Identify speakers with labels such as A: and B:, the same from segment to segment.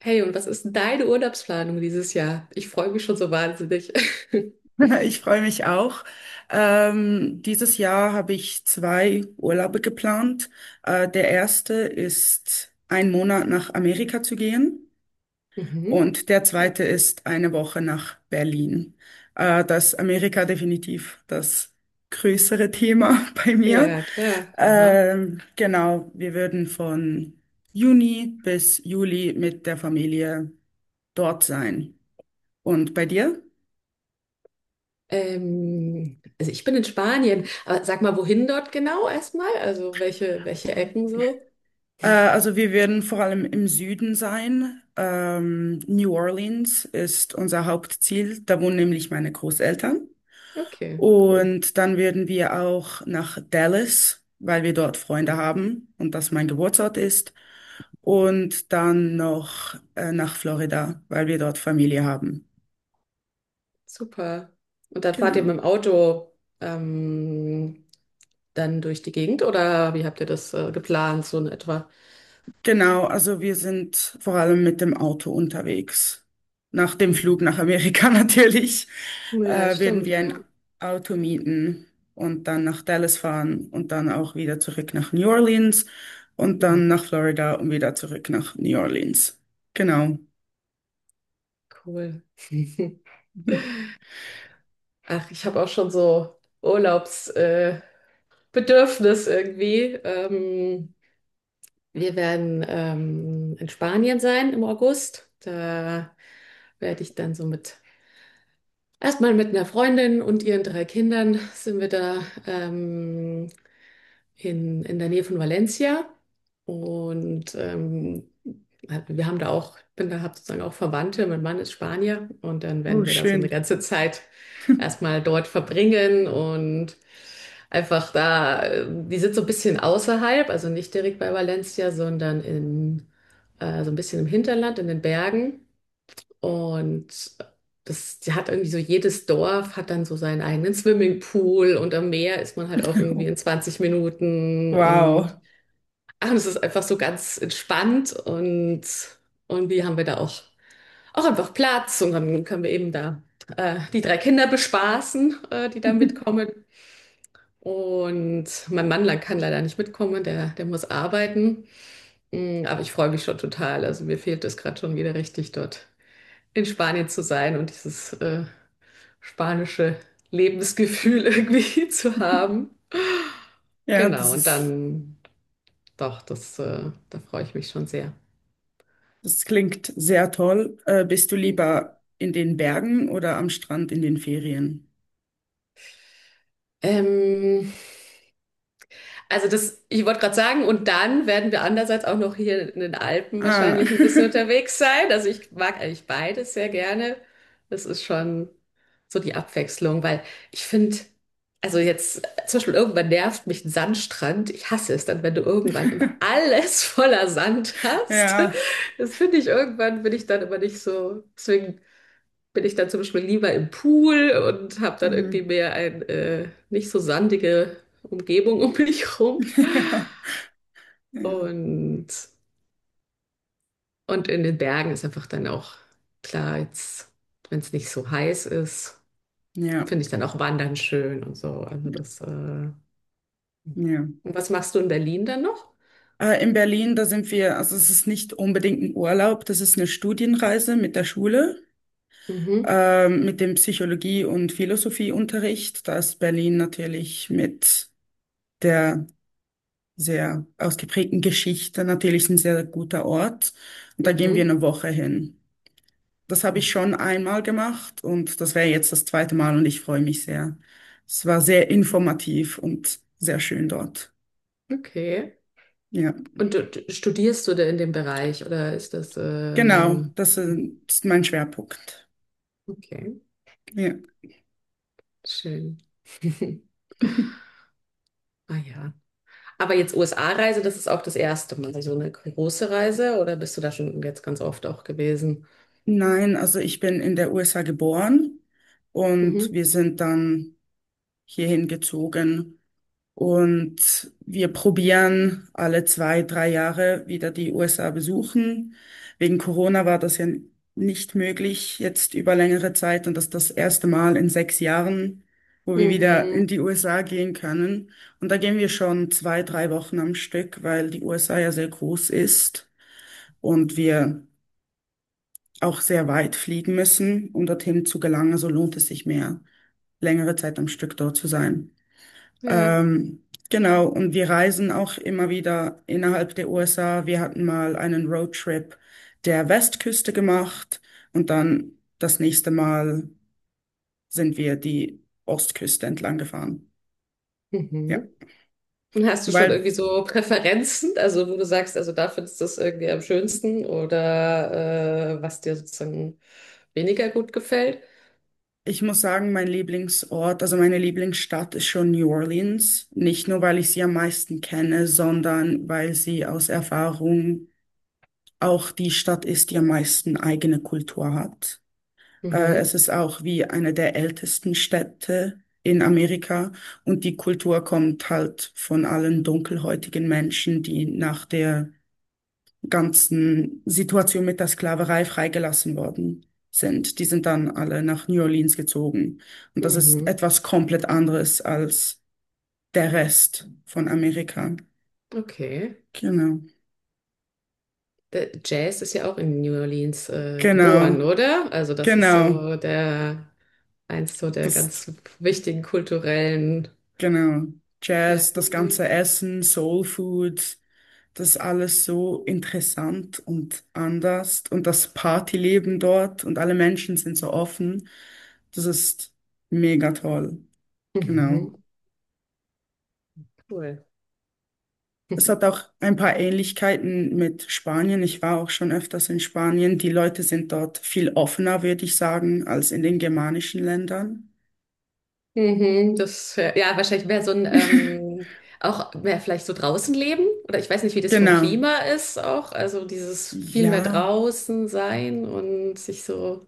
A: Hey, und was ist denn deine Urlaubsplanung dieses Jahr? Ich freue mich schon so wahnsinnig.
B: Ich freue mich auch. Dieses Jahr habe ich zwei Urlaube geplant. Der erste ist ein Monat nach Amerika zu gehen
A: Mhm.
B: und der
A: Cool.
B: zweite ist eine Woche nach Berlin. Da Amerika definitiv das größere Thema bei mir.
A: Ja, klar. Aha.
B: Genau, wir würden von Juni bis Juli mit der Familie dort sein. Und bei dir?
A: Also ich bin in Spanien, aber sag mal, wohin dort genau erstmal? Also welche Ecken so?
B: Also wir werden vor allem im Süden sein. New Orleans ist unser Hauptziel. Da wohnen nämlich meine Großeltern.
A: Okay, cool.
B: Und dann werden wir auch nach Dallas, weil wir dort Freunde haben und das mein Geburtsort ist. Und dann noch nach Florida, weil wir dort Familie haben.
A: Super. Und dann fahrt ihr mit
B: Genau.
A: dem Auto ähm, dann durch die Gegend oder wie habt ihr das geplant, so in etwa?
B: Genau, also wir sind vor allem mit dem Auto unterwegs. Nach dem Flug
A: Mhm.
B: nach Amerika natürlich
A: Ja,
B: werden
A: stimmt,
B: wir ein
A: ja.
B: Auto mieten und dann nach Dallas fahren und dann auch wieder zurück nach New Orleans und dann
A: Mhm.
B: nach Florida und wieder zurück nach New Orleans. Genau.
A: Cool. Ach, ich habe auch schon so Urlaubsbedürfnis Bedürfnis irgendwie. Wir werden in Spanien sein im August. Da werde ich dann erstmal mit einer Freundin und ihren drei Kindern sind wir da. Ähm, in der Nähe von Valencia. Und halt, wir haben da auch, bin da, habe sozusagen auch Verwandte. Mein Mann ist Spanier und dann
B: Oh,
A: werden wir da so eine
B: schön.
A: ganze Zeit erstmal dort verbringen und einfach da, die sind so ein bisschen außerhalb, also nicht direkt bei Valencia, sondern so ein bisschen im Hinterland, in den Bergen. Und das die hat irgendwie so, jedes Dorf hat dann so seinen eigenen Swimmingpool und am Meer ist man halt auch irgendwie in 20 Minuten und
B: Wow.
A: ach, und es ist einfach so ganz entspannt und wir haben wir da auch, auch einfach Platz und dann können wir eben da die drei Kinder bespaßen, die da mitkommen. Und mein Mann kann leider nicht mitkommen, der muss arbeiten. Aber ich freue mich schon total. Also mir fehlt es gerade schon wieder richtig dort in Spanien zu sein und dieses spanische Lebensgefühl irgendwie zu haben.
B: Ja,
A: Genau, und dann doch, da freue ich mich schon sehr.
B: das klingt sehr toll. Bist du
A: Mhm.
B: lieber in den Bergen oder am Strand in den Ferien?
A: Ähm, Also ich wollte gerade sagen, und dann werden wir andererseits auch noch hier in den Alpen
B: Ah.
A: wahrscheinlich ein bisschen unterwegs sein. Also ich mag eigentlich beides sehr gerne. Das ist schon so die Abwechslung, weil ich finde, also jetzt zum Beispiel irgendwann nervt mich ein Sandstrand. Ich hasse es dann, wenn du irgendwann immer alles voller Sand hast.
B: Ja.
A: Das finde ich irgendwann, bin ich dann immer nicht so. Deswegen bin ich dann zum Beispiel lieber im Pool und habe dann irgendwie
B: Mhm.
A: mehr eine nicht so sandige Umgebung um mich rum.
B: Ja. Ja.
A: Und, und in den Bergen ist einfach dann auch klar, jetzt, wenn es nicht so heiß ist,
B: Ja.
A: finde ich dann auch Wandern schön und so. Also
B: Ja.
A: und
B: Ja.
A: was machst du in Berlin dann noch?
B: In Berlin, da sind wir, also es ist nicht unbedingt ein Urlaub, das ist eine Studienreise mit der Schule,
A: Mhm,
B: mit dem Psychologie- und Philosophieunterricht. Da ist Berlin natürlich mit der sehr ausgeprägten Geschichte natürlich ein sehr guter Ort. Und da gehen wir
A: mhm.
B: eine Woche hin. Das habe ich schon einmal gemacht und das wäre jetzt das zweite Mal und ich freue mich sehr. Es war sehr informativ und sehr schön dort.
A: Okay.
B: Ja,
A: Und studierst du da in dem Bereich oder ist das,
B: genau, das ist mein Schwerpunkt.
A: okay,
B: Ja.
A: schön. Ah ja. Aber jetzt USA-Reise, das ist auch das erste Mal, so eine große Reise, oder bist du da schon jetzt ganz oft auch gewesen?
B: Nein, also ich bin in der USA geboren und
A: Mhm.
B: wir sind dann hierhin gezogen. Und wir probieren alle zwei, drei Jahre wieder die USA besuchen. Wegen Corona war das ja nicht möglich jetzt über längere Zeit und das ist das erste Mal in 6 Jahren, wo wir wieder
A: Mhm.
B: in die USA gehen können. Und da gehen wir schon zwei, drei Wochen am Stück, weil die USA ja sehr groß ist und wir auch sehr weit fliegen müssen, um dorthin zu gelangen. So lohnt es sich mehr, längere Zeit am Stück dort zu sein.
A: Ja.
B: Ähm, genau, und wir reisen auch immer wieder innerhalb der USA. Wir hatten mal einen Roadtrip der Westküste gemacht und dann das nächste Mal sind wir die Ostküste entlang gefahren. Ja,
A: Mhm. Und hast du schon
B: weil
A: irgendwie so Präferenzen, also wo du sagst, also da findest du es irgendwie am schönsten oder was dir sozusagen weniger gut gefällt?
B: ich muss sagen, mein Lieblingsort, also meine Lieblingsstadt ist schon New Orleans. Nicht nur, weil ich sie am meisten kenne, sondern weil sie aus Erfahrung auch die Stadt ist, die am meisten eigene Kultur hat.
A: Mhm.
B: Es ist auch wie eine der ältesten Städte in Amerika und die Kultur kommt halt von allen dunkelhäutigen Menschen, die nach der ganzen Situation mit der Sklaverei freigelassen worden sind. Die sind dann alle nach New Orleans gezogen. Und das ist
A: Mhm.
B: etwas komplett anderes als der Rest von Amerika.
A: Okay.
B: Genau,
A: Der Jazz ist ja auch in New Orleans
B: genau,
A: geboren, oder? Also das ist
B: genau.
A: so der eins so der
B: Das,
A: ganz wichtigen kulturellen
B: genau. Jazz, das
A: Merkmale.
B: ganze Essen, Soul Food. Das alles so interessant und anders und das Partyleben dort und alle Menschen sind so offen. Das ist mega toll. Genau.
A: Mhm, cool.
B: Es hat auch ein paar Ähnlichkeiten mit Spanien. Ich war auch schon öfters in Spanien. Die Leute sind dort viel offener, würde ich sagen, als in den germanischen Ländern.
A: Mhm, wahrscheinlich wäre so ein, auch mehr vielleicht so draußen leben. Oder ich weiß nicht, wie das vom
B: Genau.
A: Klima ist auch. Also dieses viel mehr
B: Ja.
A: draußen sein und sich so.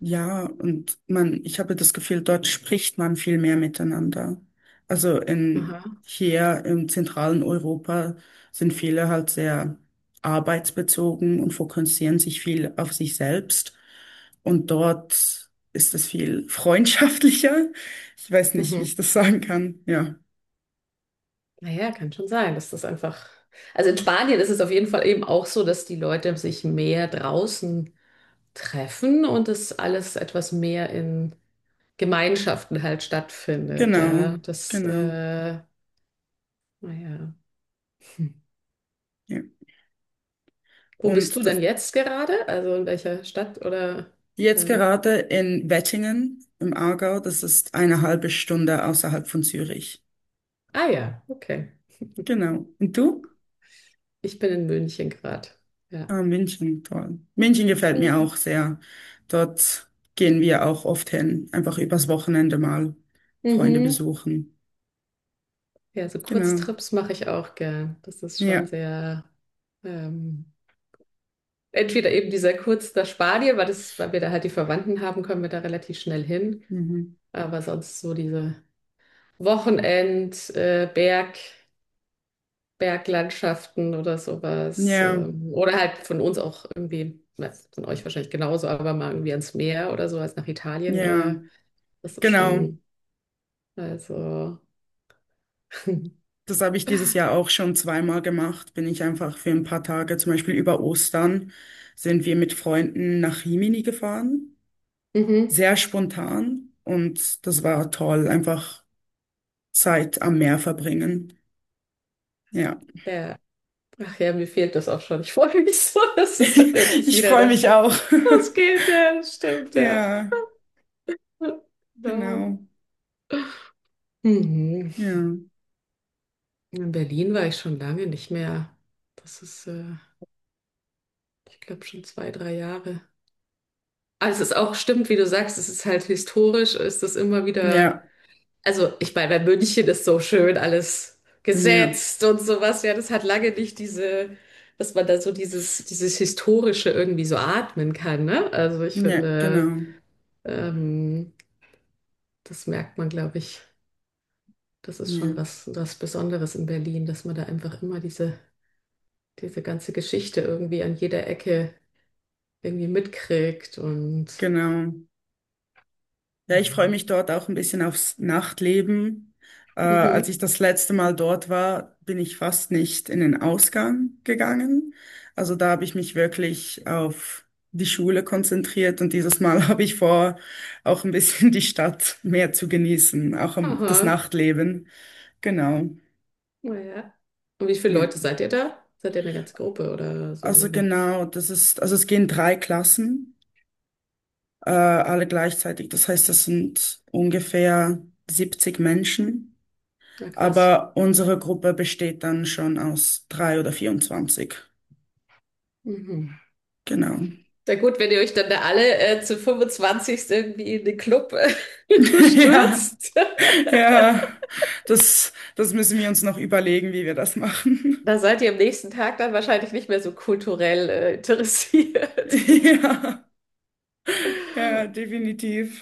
B: Ja, und man, ich habe das Gefühl, dort spricht man viel mehr miteinander. Also in,
A: Aha.
B: hier im zentralen Europa sind viele halt sehr arbeitsbezogen und fokussieren sich viel auf sich selbst. Und dort ist es viel freundschaftlicher. Ich weiß nicht, wie
A: Mhm.
B: ich das sagen kann. Ja,
A: Naja, kann schon sein, dass das einfach. Also in Spanien ist es auf jeden Fall eben auch so, dass die Leute sich mehr draußen treffen und das alles etwas mehr in Gemeinschaften halt stattfindet.
B: genau,
A: Ja,
B: genau.
A: naja.
B: Ja.
A: Wo bist du
B: Und das,
A: denn jetzt gerade? Also in welcher Stadt oder?
B: jetzt
A: Also,
B: gerade in Wettingen im Aargau, das ist eine halbe Stunde außerhalb von Zürich.
A: ah ja, okay.
B: Genau. Und du?
A: Ich bin in München gerade. Ja.
B: Ah, München, toll. München gefällt mir
A: Schön.
B: auch sehr. Dort gehen wir auch oft hin, einfach übers Wochenende mal Freunde
A: Mhm.
B: besuchen.
A: Ja, so
B: Genau.
A: Kurztrips mache ich auch gern. Das ist schon
B: Ja.
A: sehr, ähm, entweder eben dieser Kurz nach Spanien, weil wir da halt die Verwandten haben, können wir da relativ schnell hin.
B: Mhm.
A: Aber sonst so diese Wochenend, Berg. Berglandschaften oder sowas.
B: Ja,
A: Oder halt von uns auch irgendwie, na, von euch wahrscheinlich genauso, aber mal irgendwie ans Meer oder sowas nach Italien.
B: ja,
A: Das ist
B: genau.
A: schon, also,
B: Das habe ich dieses Jahr auch schon zweimal gemacht. Bin ich einfach für ein paar Tage, zum Beispiel über Ostern, sind wir mit Freunden nach Rimini gefahren.
A: mhm,
B: Sehr spontan und das war toll, einfach Zeit am Meer verbringen. Ja.
A: ja. Ach ja, mir fehlt das auch schon. Ich freue mich so, dass es dann endlich
B: Ich
A: wieder
B: freue
A: da
B: mich auch.
A: losgeht. Ja, das stimmt, ja.
B: Ja,
A: Ja, Genau.
B: genau.
A: Mhm.
B: Ja,
A: In Berlin war ich schon lange nicht mehr. Das ist, äh, Ich glaube, schon zwei, drei Jahre. Aber es ist auch, stimmt, wie du sagst, es ist halt historisch, ist es immer wieder,
B: ja,
A: also ich meine, bei München ist so schön alles
B: ja,
A: gesetzt und sowas, ja, das hat lange nicht diese, dass man da so dieses Historische irgendwie so atmen kann, ne? Also ich
B: ja,
A: finde,
B: genau.
A: ähm, das merkt man, glaube ich, das ist
B: Ja,
A: schon was, was Besonderes in Berlin, dass man da einfach immer diese ganze Geschichte irgendwie an jeder Ecke irgendwie mitkriegt und
B: genau. Ja, ich freue
A: Mhm.
B: mich dort auch ein bisschen aufs Nachtleben. Als
A: mhm.
B: ich das letzte Mal dort war, bin ich fast nicht in den Ausgang gegangen. Also da habe ich mich wirklich auf die Schule konzentriert und dieses Mal habe ich vor, auch ein bisschen die Stadt mehr zu genießen, auch am- das
A: Aha.
B: Nachtleben. Genau.
A: Naja. Und wie viele
B: Ja.
A: Leute seid ihr da? Seid ihr eine ganze Gruppe oder so?
B: Also genau, das ist, also es gehen drei Klassen, alle gleichzeitig. Das heißt, das sind ungefähr 70 Menschen.
A: Na krass.
B: Aber unsere Gruppe besteht dann schon aus drei oder 24.
A: Mhm.
B: Genau.
A: Na gut, wenn ihr euch dann da alle zu 25 irgendwie in den Club
B: Ja,
A: stürzt,
B: ja. Das müssen wir uns noch überlegen, wie wir das machen.
A: da seid ihr am nächsten Tag dann wahrscheinlich nicht mehr so kulturell interessiert.
B: Ja, ja, definitiv.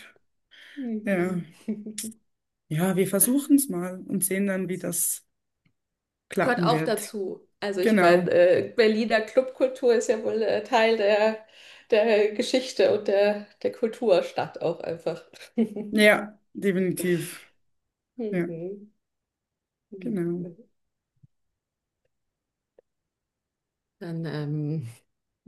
B: Ja.
A: Mhm.
B: Ja, wir versuchen es mal und sehen dann, wie das
A: Gehört
B: klappen
A: auch
B: wird.
A: dazu. Also ich
B: Genau.
A: meine, Berliner Clubkultur ist ja wohl Teil der, der Geschichte und der Kulturstadt auch einfach.
B: Ja, definitiv. Ja.
A: Mhm. Ja,
B: Genau.
A: cool. Dann